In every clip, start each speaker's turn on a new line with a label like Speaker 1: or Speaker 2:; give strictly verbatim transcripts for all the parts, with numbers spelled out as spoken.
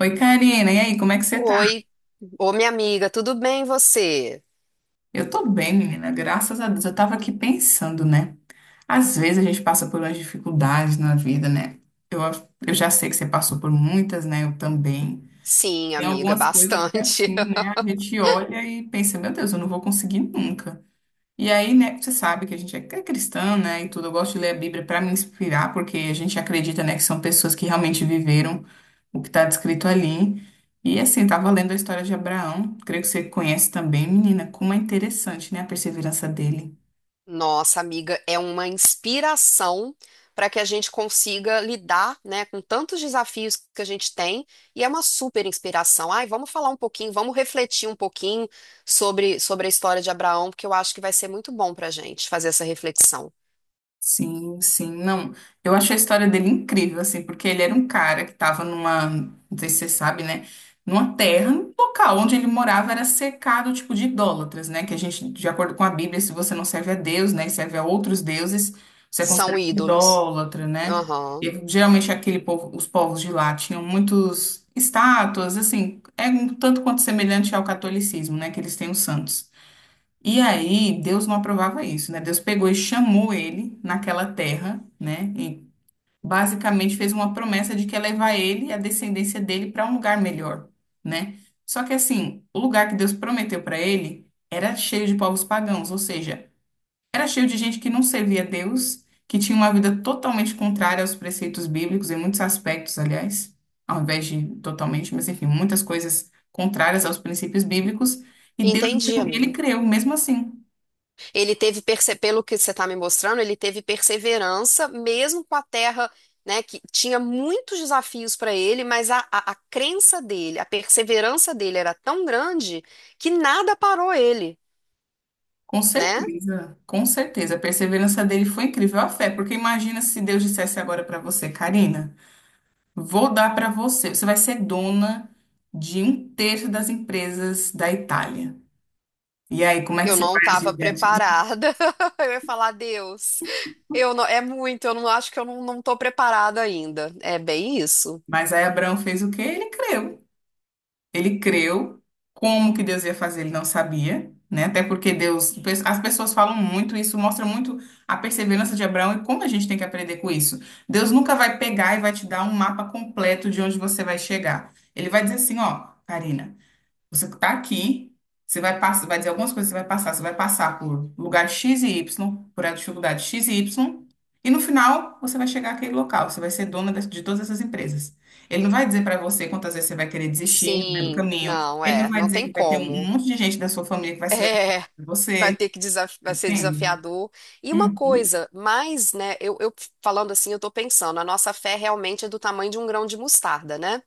Speaker 1: Oi, Karina, e aí, como é que você tá?
Speaker 2: Oi, ô minha amiga, tudo bem e você?
Speaker 1: Eu tô bem, menina, graças a Deus. Eu tava aqui pensando, né? Às vezes a gente passa por umas dificuldades na vida, né? Eu, eu já sei que você passou por muitas, né? Eu também.
Speaker 2: Sim,
Speaker 1: Tem
Speaker 2: amiga,
Speaker 1: algumas coisas que, é
Speaker 2: bastante.
Speaker 1: assim, né? A gente olha e pensa, meu Deus, eu não vou conseguir nunca. E aí, né, você sabe que a gente é é cristã, né, e tudo. Eu gosto de ler a Bíblia para me inspirar, porque a gente acredita, né, que são pessoas que realmente viveram o que está descrito ali. E assim, tava lendo a história de Abraão, creio que você conhece também, menina, como é interessante, né, a perseverança dele.
Speaker 2: Nossa, amiga, é uma inspiração para que a gente consiga lidar, né, com tantos desafios que a gente tem e é uma super inspiração. Ai, vamos falar um pouquinho, vamos refletir um pouquinho sobre, sobre a história de Abraão, porque eu acho que vai ser muito bom para a gente fazer essa reflexão.
Speaker 1: Sim, sim. Não, eu acho a história dele incrível, assim, porque ele era um cara que tava numa, não sei se você sabe, né? Numa terra, um local onde ele morava era cercado, tipo, de idólatras, né? Que a gente, de acordo com a Bíblia, se você não serve a Deus, né, e serve a outros deuses, você é
Speaker 2: São
Speaker 1: considerado um
Speaker 2: ídolos.
Speaker 1: idólatra, né?
Speaker 2: Aham.
Speaker 1: E geralmente aquele povo, os povos de lá tinham muitos estátuas, assim, é um tanto quanto semelhante ao catolicismo, né? Que eles têm os santos. E aí, Deus não aprovava isso, né? Deus pegou e chamou ele naquela terra, né? E basicamente fez uma promessa de que ia levar ele e a descendência dele para um lugar melhor, né? Só que assim, o lugar que Deus prometeu para ele era cheio de povos pagãos, ou seja, era cheio de gente que não servia a Deus, que tinha uma vida totalmente contrária aos preceitos bíblicos, em muitos aspectos, aliás, ao invés de totalmente, mas enfim, muitas coisas contrárias aos princípios bíblicos. E Deus,
Speaker 2: Entendi,
Speaker 1: mesmo- ele
Speaker 2: amiga.
Speaker 1: creu, mesmo assim.
Speaker 2: Ele teve, perse- pelo que você está me mostrando, ele teve perseverança, mesmo com a terra, né, que tinha muitos desafios para ele, mas a, a, a crença dele, a perseverança dele era tão grande que nada parou ele,
Speaker 1: Com
Speaker 2: né?
Speaker 1: certeza, com certeza. A perseverança dele foi incrível, a fé, porque imagina se Deus dissesse agora para você, Karina, vou dar para você, você vai ser dona de um terço das empresas da Itália. E aí, como é que
Speaker 2: Eu
Speaker 1: você
Speaker 2: não
Speaker 1: vai
Speaker 2: estava
Speaker 1: agir diante disso?
Speaker 2: preparada. Eu ia falar, Deus, eu não, é muito, eu não acho que eu não, não estou preparada ainda. É bem isso.
Speaker 1: Mas aí Abraão fez o quê? Ele creu. Ele creu, como que Deus ia fazer, ele não sabia, né? Até porque Deus, as pessoas falam muito isso, mostra muito a perseverança de Abraão e como a gente tem que aprender com isso. Deus nunca vai pegar e vai te dar um mapa completo de onde você vai chegar. Ele vai dizer assim, ó, Karina. Você está aqui, você vai passar, vai dizer algumas coisas, você vai passar, você vai passar por lugar X e Y, por a dificuldade X e Y, e no final você vai chegar àquele local, você vai ser dona das- de todas essas empresas. Ele não vai dizer para você quantas vezes você vai querer desistir no meio do
Speaker 2: Sim,
Speaker 1: caminho,
Speaker 2: não,
Speaker 1: ele não
Speaker 2: é,
Speaker 1: vai
Speaker 2: não
Speaker 1: dizer
Speaker 2: tem
Speaker 1: que vai ter um
Speaker 2: como.
Speaker 1: monte de gente da sua família que vai se levantar
Speaker 2: É.
Speaker 1: de
Speaker 2: Vai
Speaker 1: você,
Speaker 2: ter que desaf- vai ser
Speaker 1: entende?
Speaker 2: desafiador. E uma
Speaker 1: Uhum.
Speaker 2: coisa, mais, né, eu, eu falando assim, eu tô pensando, a nossa fé realmente é do tamanho de um grão de mostarda, né?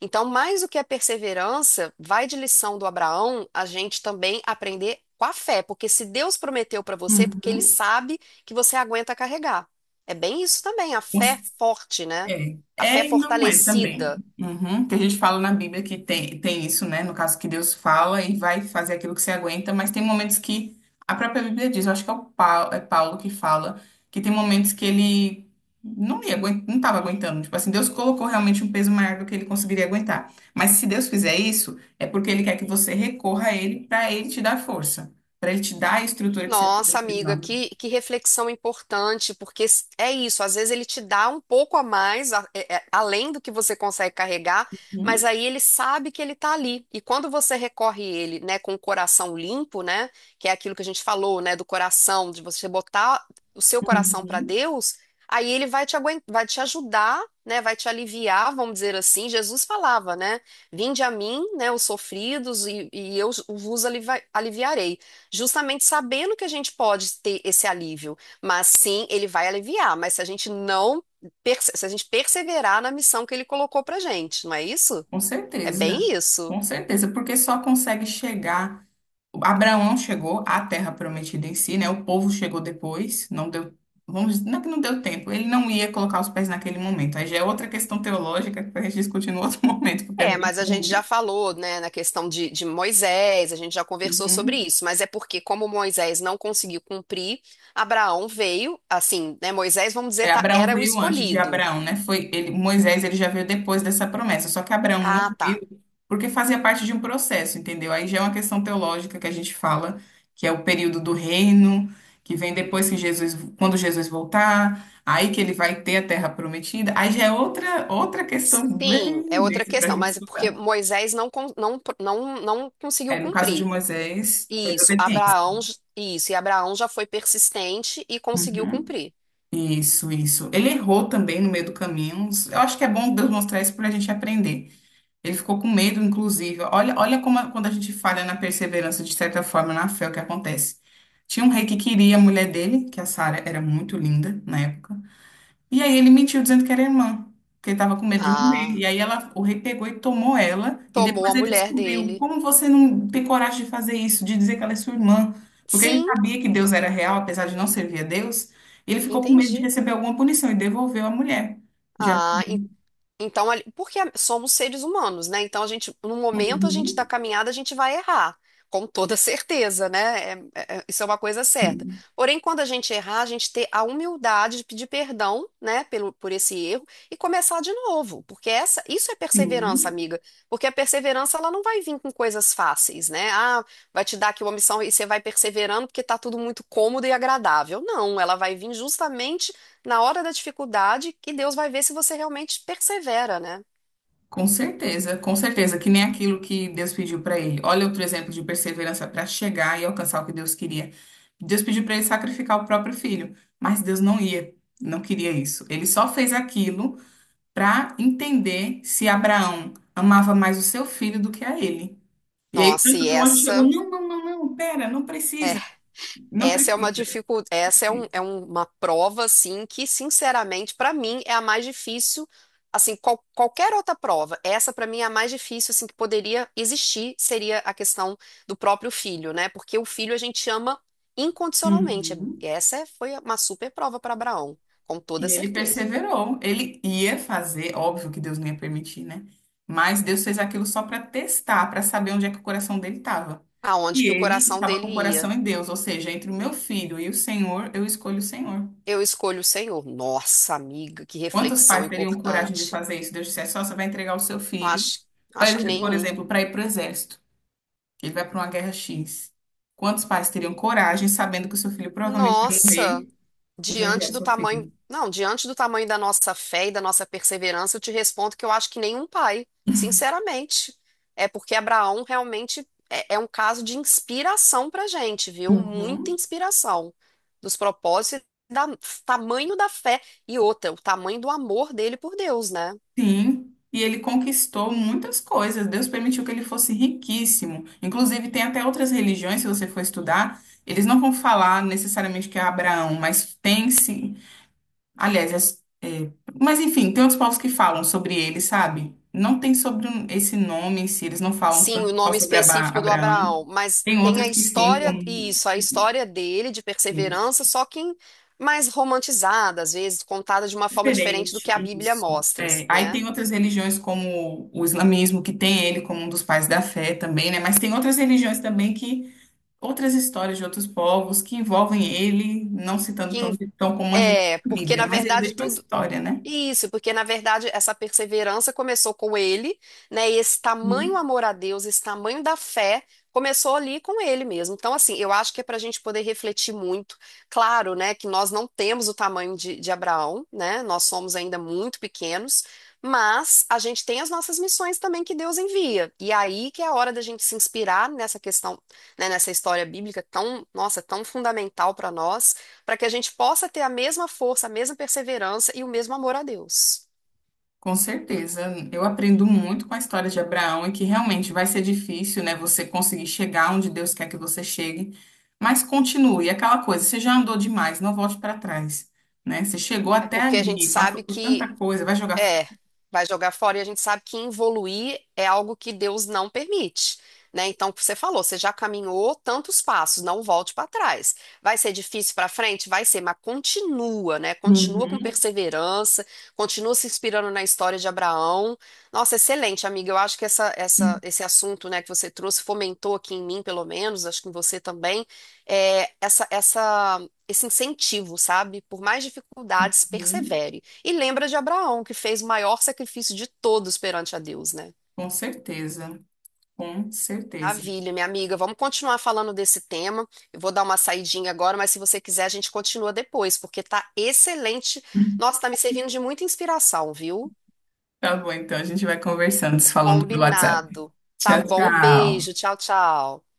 Speaker 2: Então, mais do que a perseverança, vai de lição do Abraão, a gente também aprender com a fé, porque se Deus prometeu para você, é porque ele
Speaker 1: Uhum.
Speaker 2: sabe que você aguenta carregar. É bem isso também, a fé
Speaker 1: Uhum.
Speaker 2: forte, né?
Speaker 1: É,
Speaker 2: A fé
Speaker 1: é e não é também.
Speaker 2: fortalecida.
Speaker 1: Uhum. Que a gente fala na Bíblia que tem, tem isso, né? No caso que Deus fala e vai fazer aquilo que você aguenta, mas tem momentos que a própria Bíblia diz, eu acho que é o Paulo, é Paulo que fala, que tem momentos que ele não ia, aguen- não estava aguentando. Tipo assim, Deus colocou realmente um peso maior do que ele conseguiria aguentar. Mas se Deus fizer isso, é porque ele quer que você recorra a ele para ele te dar força, para ele te dar a estrutura que você está
Speaker 2: Nossa, amiga,
Speaker 1: precisando.
Speaker 2: que, que reflexão importante, porque s- é isso, às vezes ele te dá um pouco a mais, a- é- é- além do que você consegue carregar, mas aí ele sabe que ele está ali. E quando você recorre a ele, né, com o coração limpo, né, que é aquilo que a gente falou, né, do coração, de você botar o seu coração para
Speaker 1: Uhum.
Speaker 2: Deus, aí ele vai te aguentar, vai te ajudar, né, vai te aliviar, vamos dizer assim. Jesus falava, né, vinde a mim, né, os sofridos, e, e eu vos alivi- aliviarei. Justamente sabendo que a gente pode ter esse alívio, mas sim, ele vai aliviar, mas se a gente não, perse- se a gente perseverar na missão que ele colocou pra gente, não é isso?
Speaker 1: Com
Speaker 2: É
Speaker 1: certeza,
Speaker 2: bem isso.
Speaker 1: com certeza, porque só consegue chegar. Abraão chegou à Terra Prometida em si, né? O povo chegou depois, não deu, vamos, dizer- não é que não deu tempo, ele não ia colocar os pés naquele momento. Aí já é outra questão teológica que a gente discute no outro momento, porque é
Speaker 2: É,
Speaker 1: bem
Speaker 2: mas a gente
Speaker 1: longa.
Speaker 2: já falou, né, na questão de, de Moisés, a gente já conversou sobre
Speaker 1: Uhum.
Speaker 2: isso, mas é porque como Moisés não conseguiu cumprir, Abraão veio, assim, né, Moisés, vamos dizer,
Speaker 1: É,
Speaker 2: tá-
Speaker 1: Abraão
Speaker 2: era o
Speaker 1: veio antes de
Speaker 2: escolhido.
Speaker 1: Abraão, né? Foi ele, Moisés, ele já veio depois dessa promessa. Só que Abraão não
Speaker 2: Ah, tá.
Speaker 1: viu porque fazia parte de um processo, entendeu? Aí já é uma questão teológica que a gente fala, que é o período do reino, que vem depois que Jesus, quando Jesus voltar, aí que ele vai ter a terra prometida. Aí já é outra outra questão
Speaker 2: Sim, é
Speaker 1: bem
Speaker 2: outra
Speaker 1: densa para a
Speaker 2: questão,
Speaker 1: gente
Speaker 2: mas é porque
Speaker 1: estudar.
Speaker 2: Moisés não, con- não, não, não conseguiu
Speaker 1: É, no caso de
Speaker 2: cumprir.
Speaker 1: Moisés, foi
Speaker 2: Isso,
Speaker 1: desobediência.
Speaker 2: Abraão, j- isso, e Abraão já foi persistente e conseguiu
Speaker 1: Uhum.
Speaker 2: cumprir.
Speaker 1: Isso, isso. Ele errou também no meio do caminho. Eu acho que é bom Deus mostrar isso para a gente aprender. Ele ficou com medo, inclusive. Olha, olha como a- quando a gente falha na perseverança, de certa forma, na fé, é o que acontece. Tinha um rei que queria a mulher dele, que a Sara era muito linda na época. E aí ele mentiu dizendo que era irmã, porque ele estava com medo de morrer.
Speaker 2: Ah,
Speaker 1: E aí ela, o rei pegou e tomou ela. E
Speaker 2: tomou
Speaker 1: depois
Speaker 2: a
Speaker 1: ele
Speaker 2: mulher
Speaker 1: descobriu
Speaker 2: dele.
Speaker 1: como você não tem coragem de fazer isso, de dizer que ela é sua irmã. Porque ele
Speaker 2: Sim,
Speaker 1: sabia que Deus era real, apesar de não servir a Deus. E ele ficou com medo de
Speaker 2: entendi.
Speaker 1: receber alguma punição e devolveu a mulher. De
Speaker 2: Ah,
Speaker 1: Absalão.
Speaker 2: então, ali- porque somos seres humanos, né? Então, a gente, no momento a gente da
Speaker 1: Uhum.
Speaker 2: caminhada, a gente vai errar, com toda certeza, né? É- é- é- isso é uma coisa certa.
Speaker 1: Sim.
Speaker 2: Porém, quando a gente errar, a gente ter a humildade de pedir perdão, né, pelo, por esse erro e começar de novo, porque essa, isso é perseverança,
Speaker 1: Sim.
Speaker 2: amiga. Porque a perseverança, ela não vai vir com coisas fáceis, né? Ah, vai te dar aqui uma missão e você vai perseverando porque tá tudo muito cômodo e agradável. Não, ela vai vir justamente na hora da dificuldade, que Deus vai ver se você realmente persevera, né?
Speaker 1: Com certeza, com certeza, que nem aquilo que Deus pediu para ele. Olha outro exemplo de perseverança para chegar e alcançar o que Deus queria. Deus pediu para ele sacrificar o próprio filho, mas Deus não ia, não queria isso. Ele só fez aquilo para entender se Abraão amava mais o seu filho do que a ele. E aí,
Speaker 2: Nossa,
Speaker 1: tanto
Speaker 2: e
Speaker 1: que o anjo chegou:
Speaker 2: essa
Speaker 1: não, não, não, não, pera, não
Speaker 2: é,
Speaker 1: precisa, não
Speaker 2: essa é uma
Speaker 1: precisa.
Speaker 2: dificuldade, essa é, um, é um- uma prova assim que, sinceramente, para mim é a mais difícil. Assim, qual- qualquer outra prova, essa para mim é a mais difícil assim que poderia existir, seria a questão do próprio filho, né? Porque o filho a gente ama incondicionalmente.
Speaker 1: Uhum.
Speaker 2: Essa é- foi uma super prova para Abraão, com toda
Speaker 1: E ele
Speaker 2: certeza.
Speaker 1: perseverou. Ele ia fazer, óbvio que Deus não ia permitir, né? Mas Deus fez aquilo só para testar, para saber onde é que o coração dele estava.
Speaker 2: Aonde
Speaker 1: E
Speaker 2: que o
Speaker 1: ele
Speaker 2: coração
Speaker 1: estava
Speaker 2: dele
Speaker 1: com o
Speaker 2: ia,
Speaker 1: coração em Deus, ou seja, entre o meu filho e o Senhor, eu escolho o Senhor.
Speaker 2: eu escolho o Senhor. Nossa, amiga, que
Speaker 1: Quantos
Speaker 2: reflexão
Speaker 1: pais teriam coragem de
Speaker 2: importante.
Speaker 1: fazer isso? Deus dissesse, só você vai entregar o seu filho,
Speaker 2: Acho,
Speaker 1: pra
Speaker 2: acho que
Speaker 1: ele- por
Speaker 2: nenhum.
Speaker 1: exemplo, para ir para o exército. Ele vai para uma guerra X. Quantos pais teriam coragem, sabendo que o seu filho provavelmente ia
Speaker 2: Nossa,
Speaker 1: morrer, de enviar
Speaker 2: diante
Speaker 1: o
Speaker 2: do
Speaker 1: seu
Speaker 2: tamanho,
Speaker 1: filho?
Speaker 2: não, diante do tamanho da nossa fé e da nossa perseverança, eu te respondo que eu acho que nenhum pai, sinceramente. É porque Abraão realmente é, é um caso de inspiração pra gente, viu? Muita
Speaker 1: Uhum.
Speaker 2: inspiração dos propósitos e da tamanho da fé e outra, o tamanho do amor dele por Deus, né?
Speaker 1: Sim, e ele conquistou muitas coisas. Deus permitiu que ele fosse riquíssimo. Inclusive, tem até outras religiões, se você for estudar, eles não vão falar necessariamente que é Abraão, mas tem-se. Aliás, as- é, mas enfim, tem outros povos que falam sobre ele, sabe? Não tem sobre um- esse nome em si, eles não falam
Speaker 2: Sim, o
Speaker 1: tanto só
Speaker 2: nome
Speaker 1: sobre Aba-
Speaker 2: específico do
Speaker 1: Abraão.
Speaker 2: Abraão, mas
Speaker 1: Tem
Speaker 2: tem a
Speaker 1: outras que sim,
Speaker 2: história,
Speaker 1: como.
Speaker 2: isso, a história dele de perseverança, só que em- mais romantizada, às vezes, contada de uma forma diferente do
Speaker 1: Diferente,
Speaker 2: que a Bíblia
Speaker 1: isso.
Speaker 2: mostra,
Speaker 1: É, aí
Speaker 2: né?
Speaker 1: tem outras religiões, como o islamismo, que tem ele como um dos pais da fé também, né? Mas tem outras religiões também que, outras histórias de outros povos que envolvem ele, não citando
Speaker 2: Que,
Speaker 1: tão,
Speaker 2: em-
Speaker 1: tão como a gente
Speaker 2: é,
Speaker 1: na
Speaker 2: porque na
Speaker 1: Bíblia, mas ele
Speaker 2: verdade
Speaker 1: deixa uma
Speaker 2: tudo
Speaker 1: história, né?
Speaker 2: Isso, porque na verdade essa perseverança começou com ele, né? E esse tamanho amor a Deus, esse tamanho da fé, começou ali com ele mesmo. Então, assim, eu acho que é para a gente poder refletir muito. Claro, né, que nós não temos o tamanho de, de Abraão, né? Nós somos ainda muito pequenos, mas a gente tem as nossas missões também que Deus envia. E aí que é a hora da gente se inspirar nessa questão, né, nessa história bíblica tão, nossa, tão fundamental para nós para que a gente possa ter a mesma força, a mesma perseverança e o mesmo amor a Deus.
Speaker 1: Com certeza, eu aprendo muito com a história de Abraão e que realmente vai ser difícil, né, você conseguir chegar onde Deus quer que você chegue, mas continue, aquela coisa, você já andou demais, não volte para trás, né? Você chegou
Speaker 2: É
Speaker 1: até
Speaker 2: porque a gente
Speaker 1: ali, passou
Speaker 2: sabe
Speaker 1: por
Speaker 2: que
Speaker 1: tanta coisa, vai jogar fora.
Speaker 2: É, vai jogar fora e a gente sabe que evoluir é algo que Deus não permite, né? Então, o que você falou, você já caminhou tantos passos, não volte para trás. Vai ser difícil para frente? Vai ser, mas continua, né? Continua com
Speaker 1: Uhum,
Speaker 2: perseverança, continua se inspirando na história de Abraão. Nossa, excelente, amiga. Eu acho que essa, essa, esse assunto, né, que você trouxe fomentou aqui em mim, pelo menos, acho que em você também, é, essa, essa, esse incentivo, sabe? Por mais dificuldades,
Speaker 1: uhum.
Speaker 2: persevere. E lembra de Abraão, que fez o maior sacrifício de todos perante a Deus, né?
Speaker 1: Com certeza, com certeza.
Speaker 2: Maravilha, minha amiga. Vamos continuar falando desse tema. Eu vou dar uma saidinha agora, mas se você quiser, a gente continua depois, porque tá excelente. Nossa, tá me servindo de muita inspiração, viu?
Speaker 1: Tá bom, então a gente vai conversando, se falando pelo WhatsApp.
Speaker 2: Combinado. Tá
Speaker 1: Tchau,
Speaker 2: bom, beijo.
Speaker 1: tchau.
Speaker 2: Tchau, tchau.